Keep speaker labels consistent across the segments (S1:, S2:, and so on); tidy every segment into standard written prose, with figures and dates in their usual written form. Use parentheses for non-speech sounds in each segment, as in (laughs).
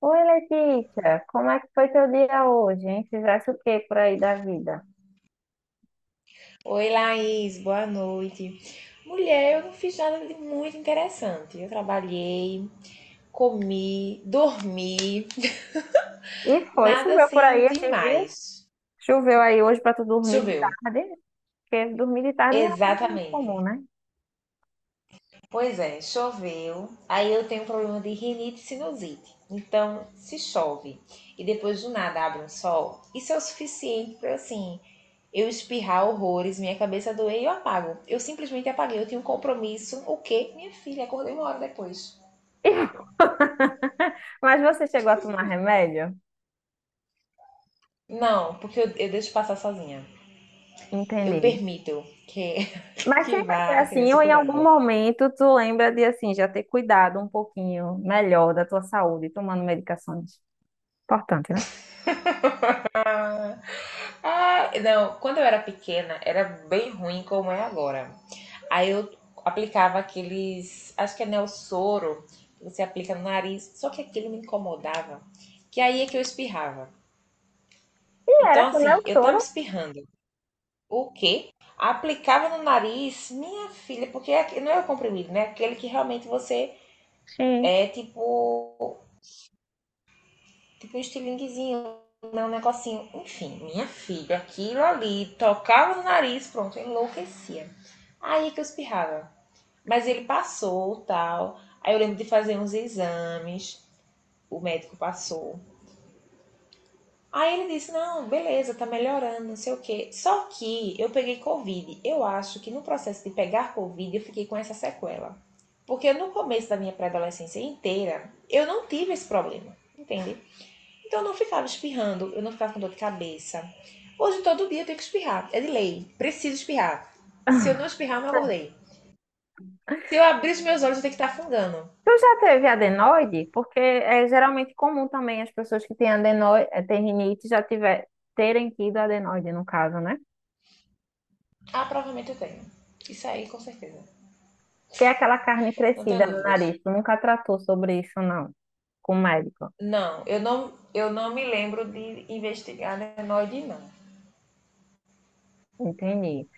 S1: Oi, Letícia, como é que foi teu dia hoje, hein? Fizesse o que por aí da vida?
S2: Oi, Laís, boa noite. Mulher, eu não fiz nada de muito interessante. Eu trabalhei, comi, dormi,
S1: E
S2: (laughs)
S1: foi,
S2: nada
S1: choveu por aí
S2: assim
S1: esses dias?
S2: demais.
S1: Choveu aí hoje pra tu dormir de
S2: Choveu,
S1: tarde? Porque dormir de tarde não é algo muito comum,
S2: exatamente.
S1: né?
S2: Pois é, choveu. Aí eu tenho um problema de rinite e sinusite. Então, se chove e depois do nada abre um sol, isso é o suficiente para assim, eu espirrar horrores, minha cabeça doer e eu apago. Eu simplesmente apaguei, eu tinha um compromisso. O quê? Minha filha, acordei uma hora depois.
S1: (laughs) Mas você chegou a tomar remédio?
S2: Não, porque eu deixo passar sozinha. Eu
S1: Entendi.
S2: permito que, (laughs)
S1: Mas
S2: que
S1: sempre foi
S2: vá, entendeu?
S1: assim,
S2: Se
S1: ou em algum
S2: curando.
S1: momento tu lembra de assim, já ter cuidado um pouquinho melhor da tua saúde, tomando medicações. Importante, né?
S2: Ah, não, quando eu era pequena, era bem ruim como é agora. Aí eu aplicava aqueles, acho que é Nelsoro, que você aplica no nariz, só que aquilo me incomodava, que aí é que eu espirrava.
S1: E
S2: Então,
S1: era com o meu
S2: assim, eu tava
S1: soro.
S2: espirrando. O quê? Aplicava no nariz, minha filha, porque é não é o comprimido, né? Aquele que realmente você
S1: Sim.
S2: é tipo um estilinguezinho, né? Um negocinho. Enfim, minha filha, aquilo ali, tocava no nariz, pronto, eu enlouquecia. Aí é que eu espirrava. Mas ele passou, tal. Aí eu lembro de fazer uns exames, o médico passou. Aí ele disse: não, beleza, tá melhorando, não sei o quê. Só que eu peguei Covid. Eu acho que no processo de pegar Covid eu fiquei com essa sequela. Porque no começo da minha pré-adolescência inteira, eu não tive esse problema, entende? Então eu não ficava espirrando, eu não ficava com dor de cabeça. Hoje todo dia eu tenho que espirrar, é de lei, preciso espirrar. Se eu não
S1: (laughs)
S2: espirrar, eu não acordei. Se eu abrir os meus olhos, eu tenho que estar afungando.
S1: Tu já teve adenoide? Porque é geralmente comum também as pessoas que têm adenoide, têm rinite já tiver, terem tido adenoide, no caso, né?
S2: Ah, provavelmente eu tenho. Isso aí, com certeza.
S1: Que é aquela carne
S2: Não tenho
S1: crescida no
S2: dúvidas.
S1: nariz. Tu nunca tratou sobre isso, não, com o médico.
S2: Não, eu não me lembro de investigar adenoide, não.
S1: Entendi.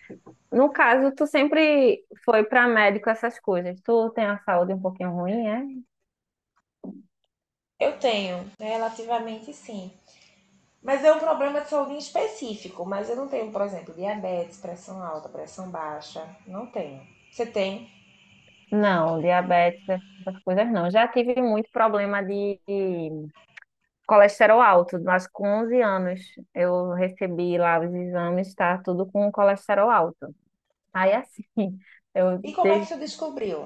S1: No caso, tu sempre foi para médico essas coisas. Tu tem a saúde um pouquinho ruim, é?
S2: Eu tenho, relativamente sim. Mas é um problema de saúde em específico. Mas eu não tenho, por exemplo, diabetes, pressão alta, pressão baixa. Não tenho. Você tem?
S1: Não, diabetes, essas coisas não. Já tive muito problema de colesterol alto, mas com 11 anos eu recebi lá os exames, tá tudo com colesterol alto. Aí assim, (laughs) eu
S2: E como é que
S1: dei
S2: você descobriu?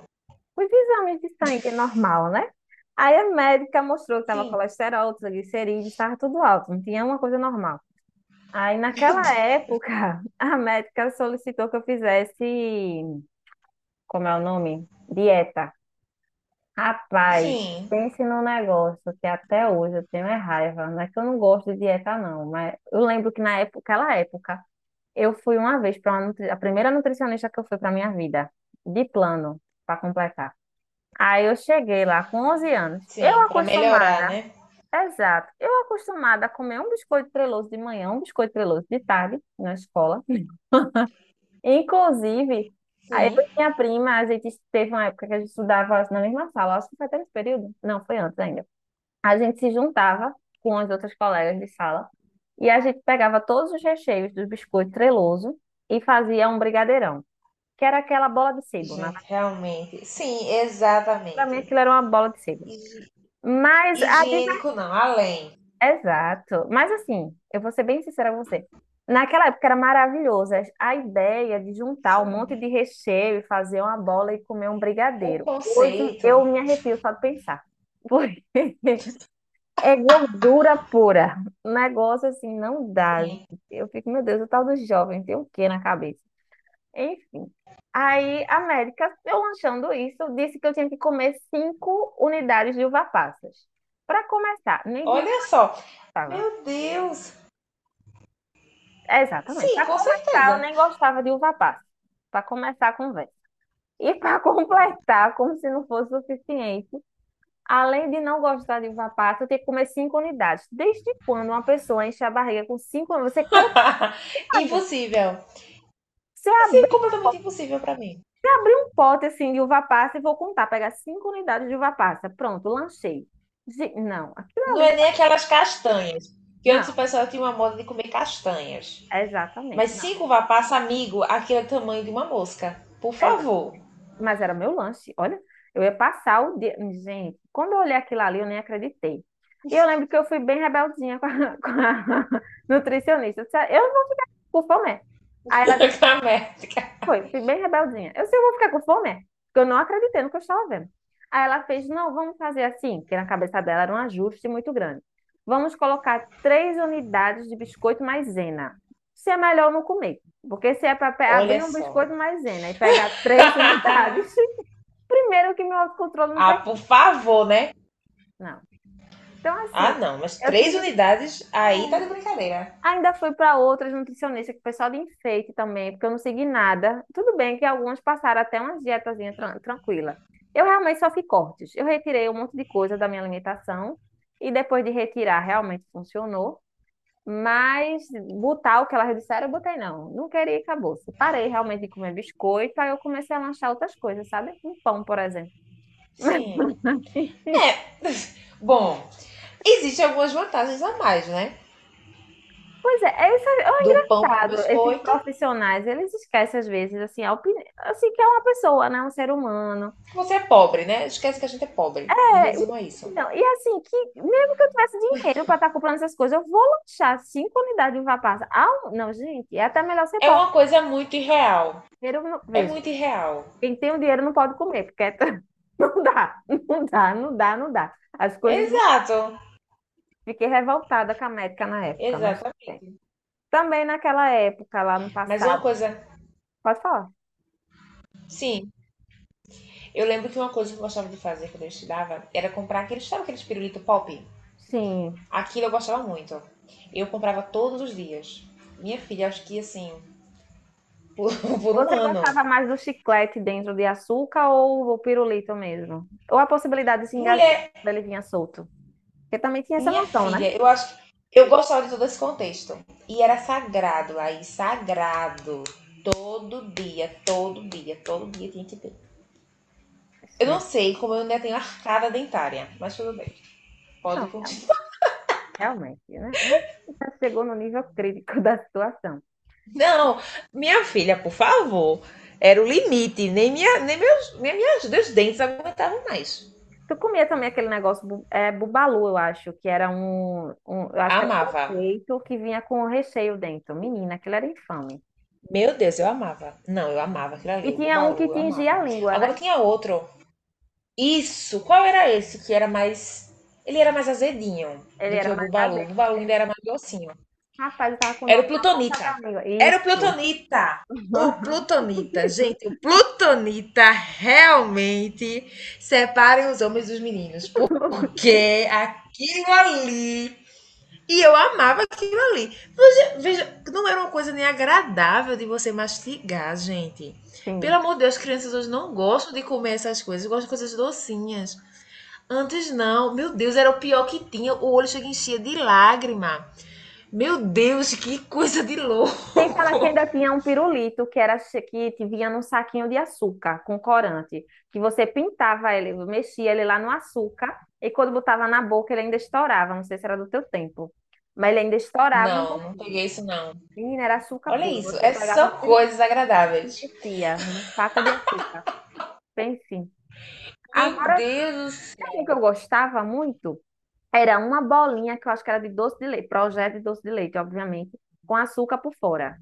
S1: os exames de sangue normal, né? Aí a médica mostrou que tava
S2: Sim. (laughs)
S1: colesterol, triglicerídeos, estava tudo alto, não tinha uma coisa normal. Aí
S2: Meu
S1: naquela
S2: Deus.
S1: época, (laughs) a médica solicitou que eu fizesse, como é o nome? Dieta. Rapaz,
S2: Sim,
S1: pense num negócio que até hoje eu tenho é raiva. Não é que eu não gosto de dieta, não, mas eu lembro que na época, aquela época, eu fui uma vez para uma nutri... a primeira nutricionista que eu fui para minha vida, de plano, para completar. Aí eu cheguei lá com 11 anos. Eu
S2: sim. Pra melhorar,
S1: acostumada,
S2: né?
S1: exato, eu acostumada a comer um biscoito treloso de manhã, um biscoito treloso de tarde na escola. Inclusive, aí eu
S2: Sim.
S1: e minha prima, a gente teve uma época que a gente estudava na mesma sala, acho que foi até nesse período. Não, foi antes ainda. A gente se juntava com as outras colegas de sala e a gente pegava todos os recheios do biscoito treloso e fazia um brigadeirão, que era aquela bola de sebo. Na
S2: Gente, realmente. Sim,
S1: para mim
S2: exatamente.
S1: aquilo era uma bola de sebo.
S2: Higi-
S1: Mas a diver-
S2: Higiênico não, além.
S1: Exato. Mas assim, eu vou ser bem sincera com você. Naquela época era maravilhoso a ideia de juntar um monte
S2: Sim.
S1: de recheio e fazer uma bola e comer um
S2: O
S1: brigadeiro. Hoje
S2: conceito.
S1: eu me arrepio só de pensar. (laughs) É gordura pura. Um negócio assim não dá. Gente.
S2: Sim.
S1: Eu fico, meu Deus, o tal do jovem tem o quê na cabeça? Enfim. Aí, América, eu lanchando isso, disse que eu tinha que comer cinco unidades de uva passas. Para começar, nem de uva
S2: Olha só.
S1: passa.
S2: Meu Deus.
S1: Exatamente.
S2: Sim,
S1: Para
S2: com
S1: começar, eu
S2: certeza.
S1: nem gostava de uva passa. Para começar a conversa. E para (laughs) completar, como se não fosse suficiente, além de não gostar de uva passa, eu tenho que comer cinco unidades. Desde quando uma pessoa enche a barriga com cinco? Você
S2: (laughs)
S1: Imagina,
S2: Impossível.
S1: Você
S2: Isso é
S1: abrir,
S2: completamente impossível pra mim.
S1: abrir um pote assim de uva passa e vou contar, pegar cinco unidades de uva passa. Pronto, lanchei. Não, aquilo
S2: Não
S1: ali.
S2: é nem aquelas castanhas. Que antes o
S1: Não,
S2: pessoal tinha uma moda de comer castanhas.
S1: exatamente,
S2: Mas
S1: não,
S2: cinco vapas, amigo, aquele é o tamanho de uma mosca. Por
S1: exato.
S2: favor.
S1: Mas era meu lanche. Olha, eu ia passar o dia. Gente, quando eu olhei aquilo ali, eu nem acreditei. E eu lembro que eu fui bem rebeldinha com a, (laughs) com a nutricionista. Eu disse, "Ah, eu não vou ficar com fome." Aí ela
S2: (laughs) Camética.
S1: foi, fui bem rebeldinha. Eu sei, eu vou ficar com fome, é? Porque eu não acreditei no que eu estava vendo. Aí ela fez, não, vamos fazer assim, porque na cabeça dela era um ajuste muito grande. Vamos colocar três unidades de biscoito maisena. Se é melhor não comer, porque se é para
S2: Olha
S1: abrir um biscoito
S2: só.
S1: maisena e pegar três unidades,
S2: (laughs)
S1: (laughs) primeiro que meu autocontrole não
S2: Ah, por
S1: permite.
S2: favor, né?
S1: Não. Então, assim,
S2: Ah, não. Mas
S1: eu
S2: três
S1: tive
S2: unidades aí tá de brincadeira.
S1: ainda fui para outras nutricionistas, que o pessoal de enfeite também, porque eu não segui nada. Tudo bem que algumas passaram até umas dietazinhas tranquila. Eu realmente só fiz cortes. Eu retirei um monte de coisa da minha alimentação e depois de retirar realmente funcionou. Mas botar o que elas disseram, eu botei não. Não queria e acabou. Parei realmente de comer biscoito, aí eu comecei a lanchar outras coisas, sabe? Um pão, por exemplo. (laughs)
S2: Sim. É. (laughs) Bom, existem algumas vantagens a mais, né?
S1: Pois é, é, isso é, é um
S2: Do pão pro
S1: engraçado. Esses
S2: biscoito.
S1: profissionais, eles esquecem às vezes, assim, a opinião, assim, que é uma pessoa, né? Um ser humano.
S2: Você é pobre, né? Esquece que a gente é pobre. Em
S1: É,
S2: resumo, é isso.
S1: não, e assim, que mesmo que eu tivesse dinheiro para estar comprando essas coisas, eu vou lanchar cinco unidades de vapaça. Não, gente, é até melhor ser
S2: É
S1: pobre.
S2: uma coisa muito irreal.
S1: Dinheiro, não-
S2: É
S1: Veja,
S2: muito irreal.
S1: quem tem o dinheiro não pode comer, porque é (laughs) não dá, não dá, não dá, não dá. As coisas não.
S2: Exato.
S1: Fiquei revoltada com a médica na época, mas tudo bem.
S2: Exatamente.
S1: Também naquela época, lá no
S2: Mas uma
S1: passado.
S2: coisa,
S1: Pode falar?
S2: sim, eu lembro que uma coisa que eu gostava de fazer quando eu estudava era comprar aqueles, sabe aqueles pirulito pop?
S1: Sim.
S2: Aquilo eu gostava muito. Eu comprava todos os dias. Minha filha, acho que assim, por, (laughs) por um
S1: Você
S2: ano.
S1: gostava mais do chiclete dentro de açúcar ou o pirulito mesmo? Ou a possibilidade de se engasgar
S2: Mulher,
S1: quando ele vinha solto? Porque também tinha essa
S2: minha
S1: noção, né?
S2: filha, eu acho que eu gostava de todo esse contexto. E era sagrado, Laís, sagrado. Todo dia, todo dia, todo dia tinha que ter. Eu não
S1: Gente,
S2: sei como eu ainda tenho arcada dentária, mas tudo bem. Pode
S1: não,
S2: continuar.
S1: realmente, né? Né? Já chegou no nível crítico (laughs) da situação.
S2: (laughs) Não, minha filha, por favor. Era o limite. Nem minhas, meus dentes aguentavam mais.
S1: Tu comia também aquele negócio, bubalu, eu acho, que era eu acho que era um
S2: Amava.
S1: peito que vinha com o recheio dentro. Menina, aquilo era infame.
S2: Meu Deus, eu amava. Não, eu amava aquilo
S1: E
S2: ali, o
S1: tinha um que
S2: Bubalu, eu
S1: tingia
S2: amava.
S1: a língua, né?
S2: Agora tinha outro. Isso! Qual era esse que era mais. Ele era mais azedinho
S1: Ele
S2: do que
S1: era
S2: o
S1: mais
S2: Bubalu. O
S1: azedo.
S2: Bubalu ainda era mais docinho.
S1: Rapaz, eu tava com o
S2: Era o
S1: nome na ponta
S2: Plutonita.
S1: da língua.
S2: Era o
S1: Isso.
S2: Plutonita! O Plutonita,
S1: (laughs)
S2: gente, o Plutonita realmente separa os homens dos meninos. Porque aquilo ali. E eu amava aquilo ali. Veja, não era uma coisa nem agradável de você mastigar, gente. Pelo
S1: Sim.
S2: amor de Deus, crianças hoje não gostam de comer essas coisas, gostam de coisas docinhas. Antes não. Meu Deus, era o pior que tinha. O olho chega e enchia de lágrima. Meu Deus, que coisa de
S1: Sem falar que
S2: louco.
S1: ainda tinha um pirulito que te vinha num saquinho de açúcar com corante, que você pintava ele, mexia ele lá no açúcar e quando botava na boca ele ainda estourava. Não sei se era do teu tempo, mas ele ainda estourava um
S2: Não, não
S1: pouquinho.
S2: peguei isso não.
S1: Menina, era açúcar
S2: Olha
S1: puro.
S2: isso,
S1: Você
S2: é
S1: pegava o
S2: só
S1: pirulito
S2: coisas
S1: e
S2: agradáveis.
S1: mexia num saco de açúcar. Pense.
S2: Meu
S1: Agora,
S2: Deus do
S1: sabe um
S2: céu.
S1: que eu gostava muito, era uma bolinha que eu acho que era de doce de leite, projeto de doce de leite, obviamente, com açúcar por fora.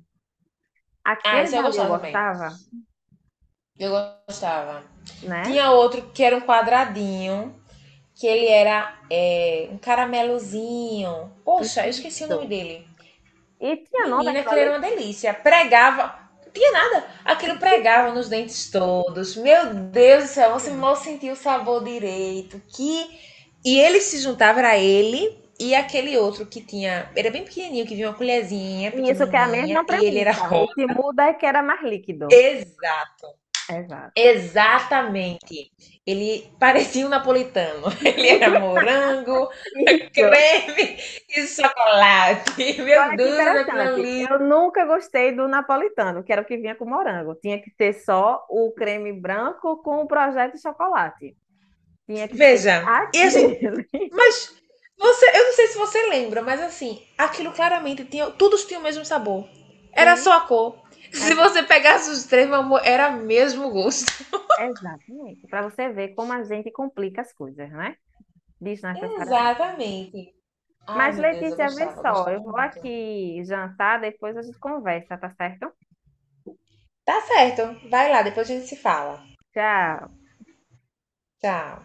S2: Ah,
S1: Aquele
S2: esse eu
S1: dali eu
S2: gostava também.
S1: gostava,
S2: Eu gostava.
S1: né?
S2: Tinha outro que era um quadradinho, que ele era um caramelozinho. Poxa, eu esqueci o nome
S1: Isso.
S2: dele.
S1: E tinha nome
S2: Menina,
S1: aquela
S2: aquilo era
S1: lei?
S2: uma delícia. Pregava, não tinha nada. Aquilo pregava nos dentes todos. Meu Deus do céu, você
S1: Sim.
S2: mal sentia o sabor direito. Que e ele se juntava era ele e aquele outro que tinha, era bem pequenininho, que vinha uma colherzinha
S1: E isso que é a
S2: pequenininha
S1: mesma
S2: e ele era (laughs)
S1: premissa. O
S2: rosa.
S1: que muda é que era mais líquido.
S2: Exato.
S1: Exato.
S2: Exatamente. Ele parecia um napolitano. (laughs) Ele era morango, (laughs)
S1: Isso.
S2: creme e chocolate.
S1: E
S2: Meu
S1: olha que
S2: Deus, aquilo
S1: interessante.
S2: ali.
S1: Eu nunca gostei do napolitano, que era o que vinha com morango. Tinha que ser só o creme branco com o projeto de chocolate. Tinha que ser
S2: Veja, e a gente,
S1: aquele. (laughs)
S2: mas você, eu não sei se você lembra, mas assim, aquilo claramente tinha, todos tinham o mesmo sabor. Era
S1: Sim,
S2: só a cor. (laughs) Se
S1: exato.
S2: você pegasse os três, meu amor, era mesmo gosto.
S1: Exatamente. Para você ver como a gente complica as coisas, né? Desnecessariamente.
S2: Exatamente. Ai,
S1: Mas,
S2: meu Deus, eu
S1: Letícia, vê
S2: gostava, eu
S1: só,
S2: gostava
S1: eu vou
S2: muito.
S1: aqui jantar, depois a gente conversa, tá certo?
S2: Tá certo. Vai lá, depois a gente se fala.
S1: Tchau.
S2: Tchau.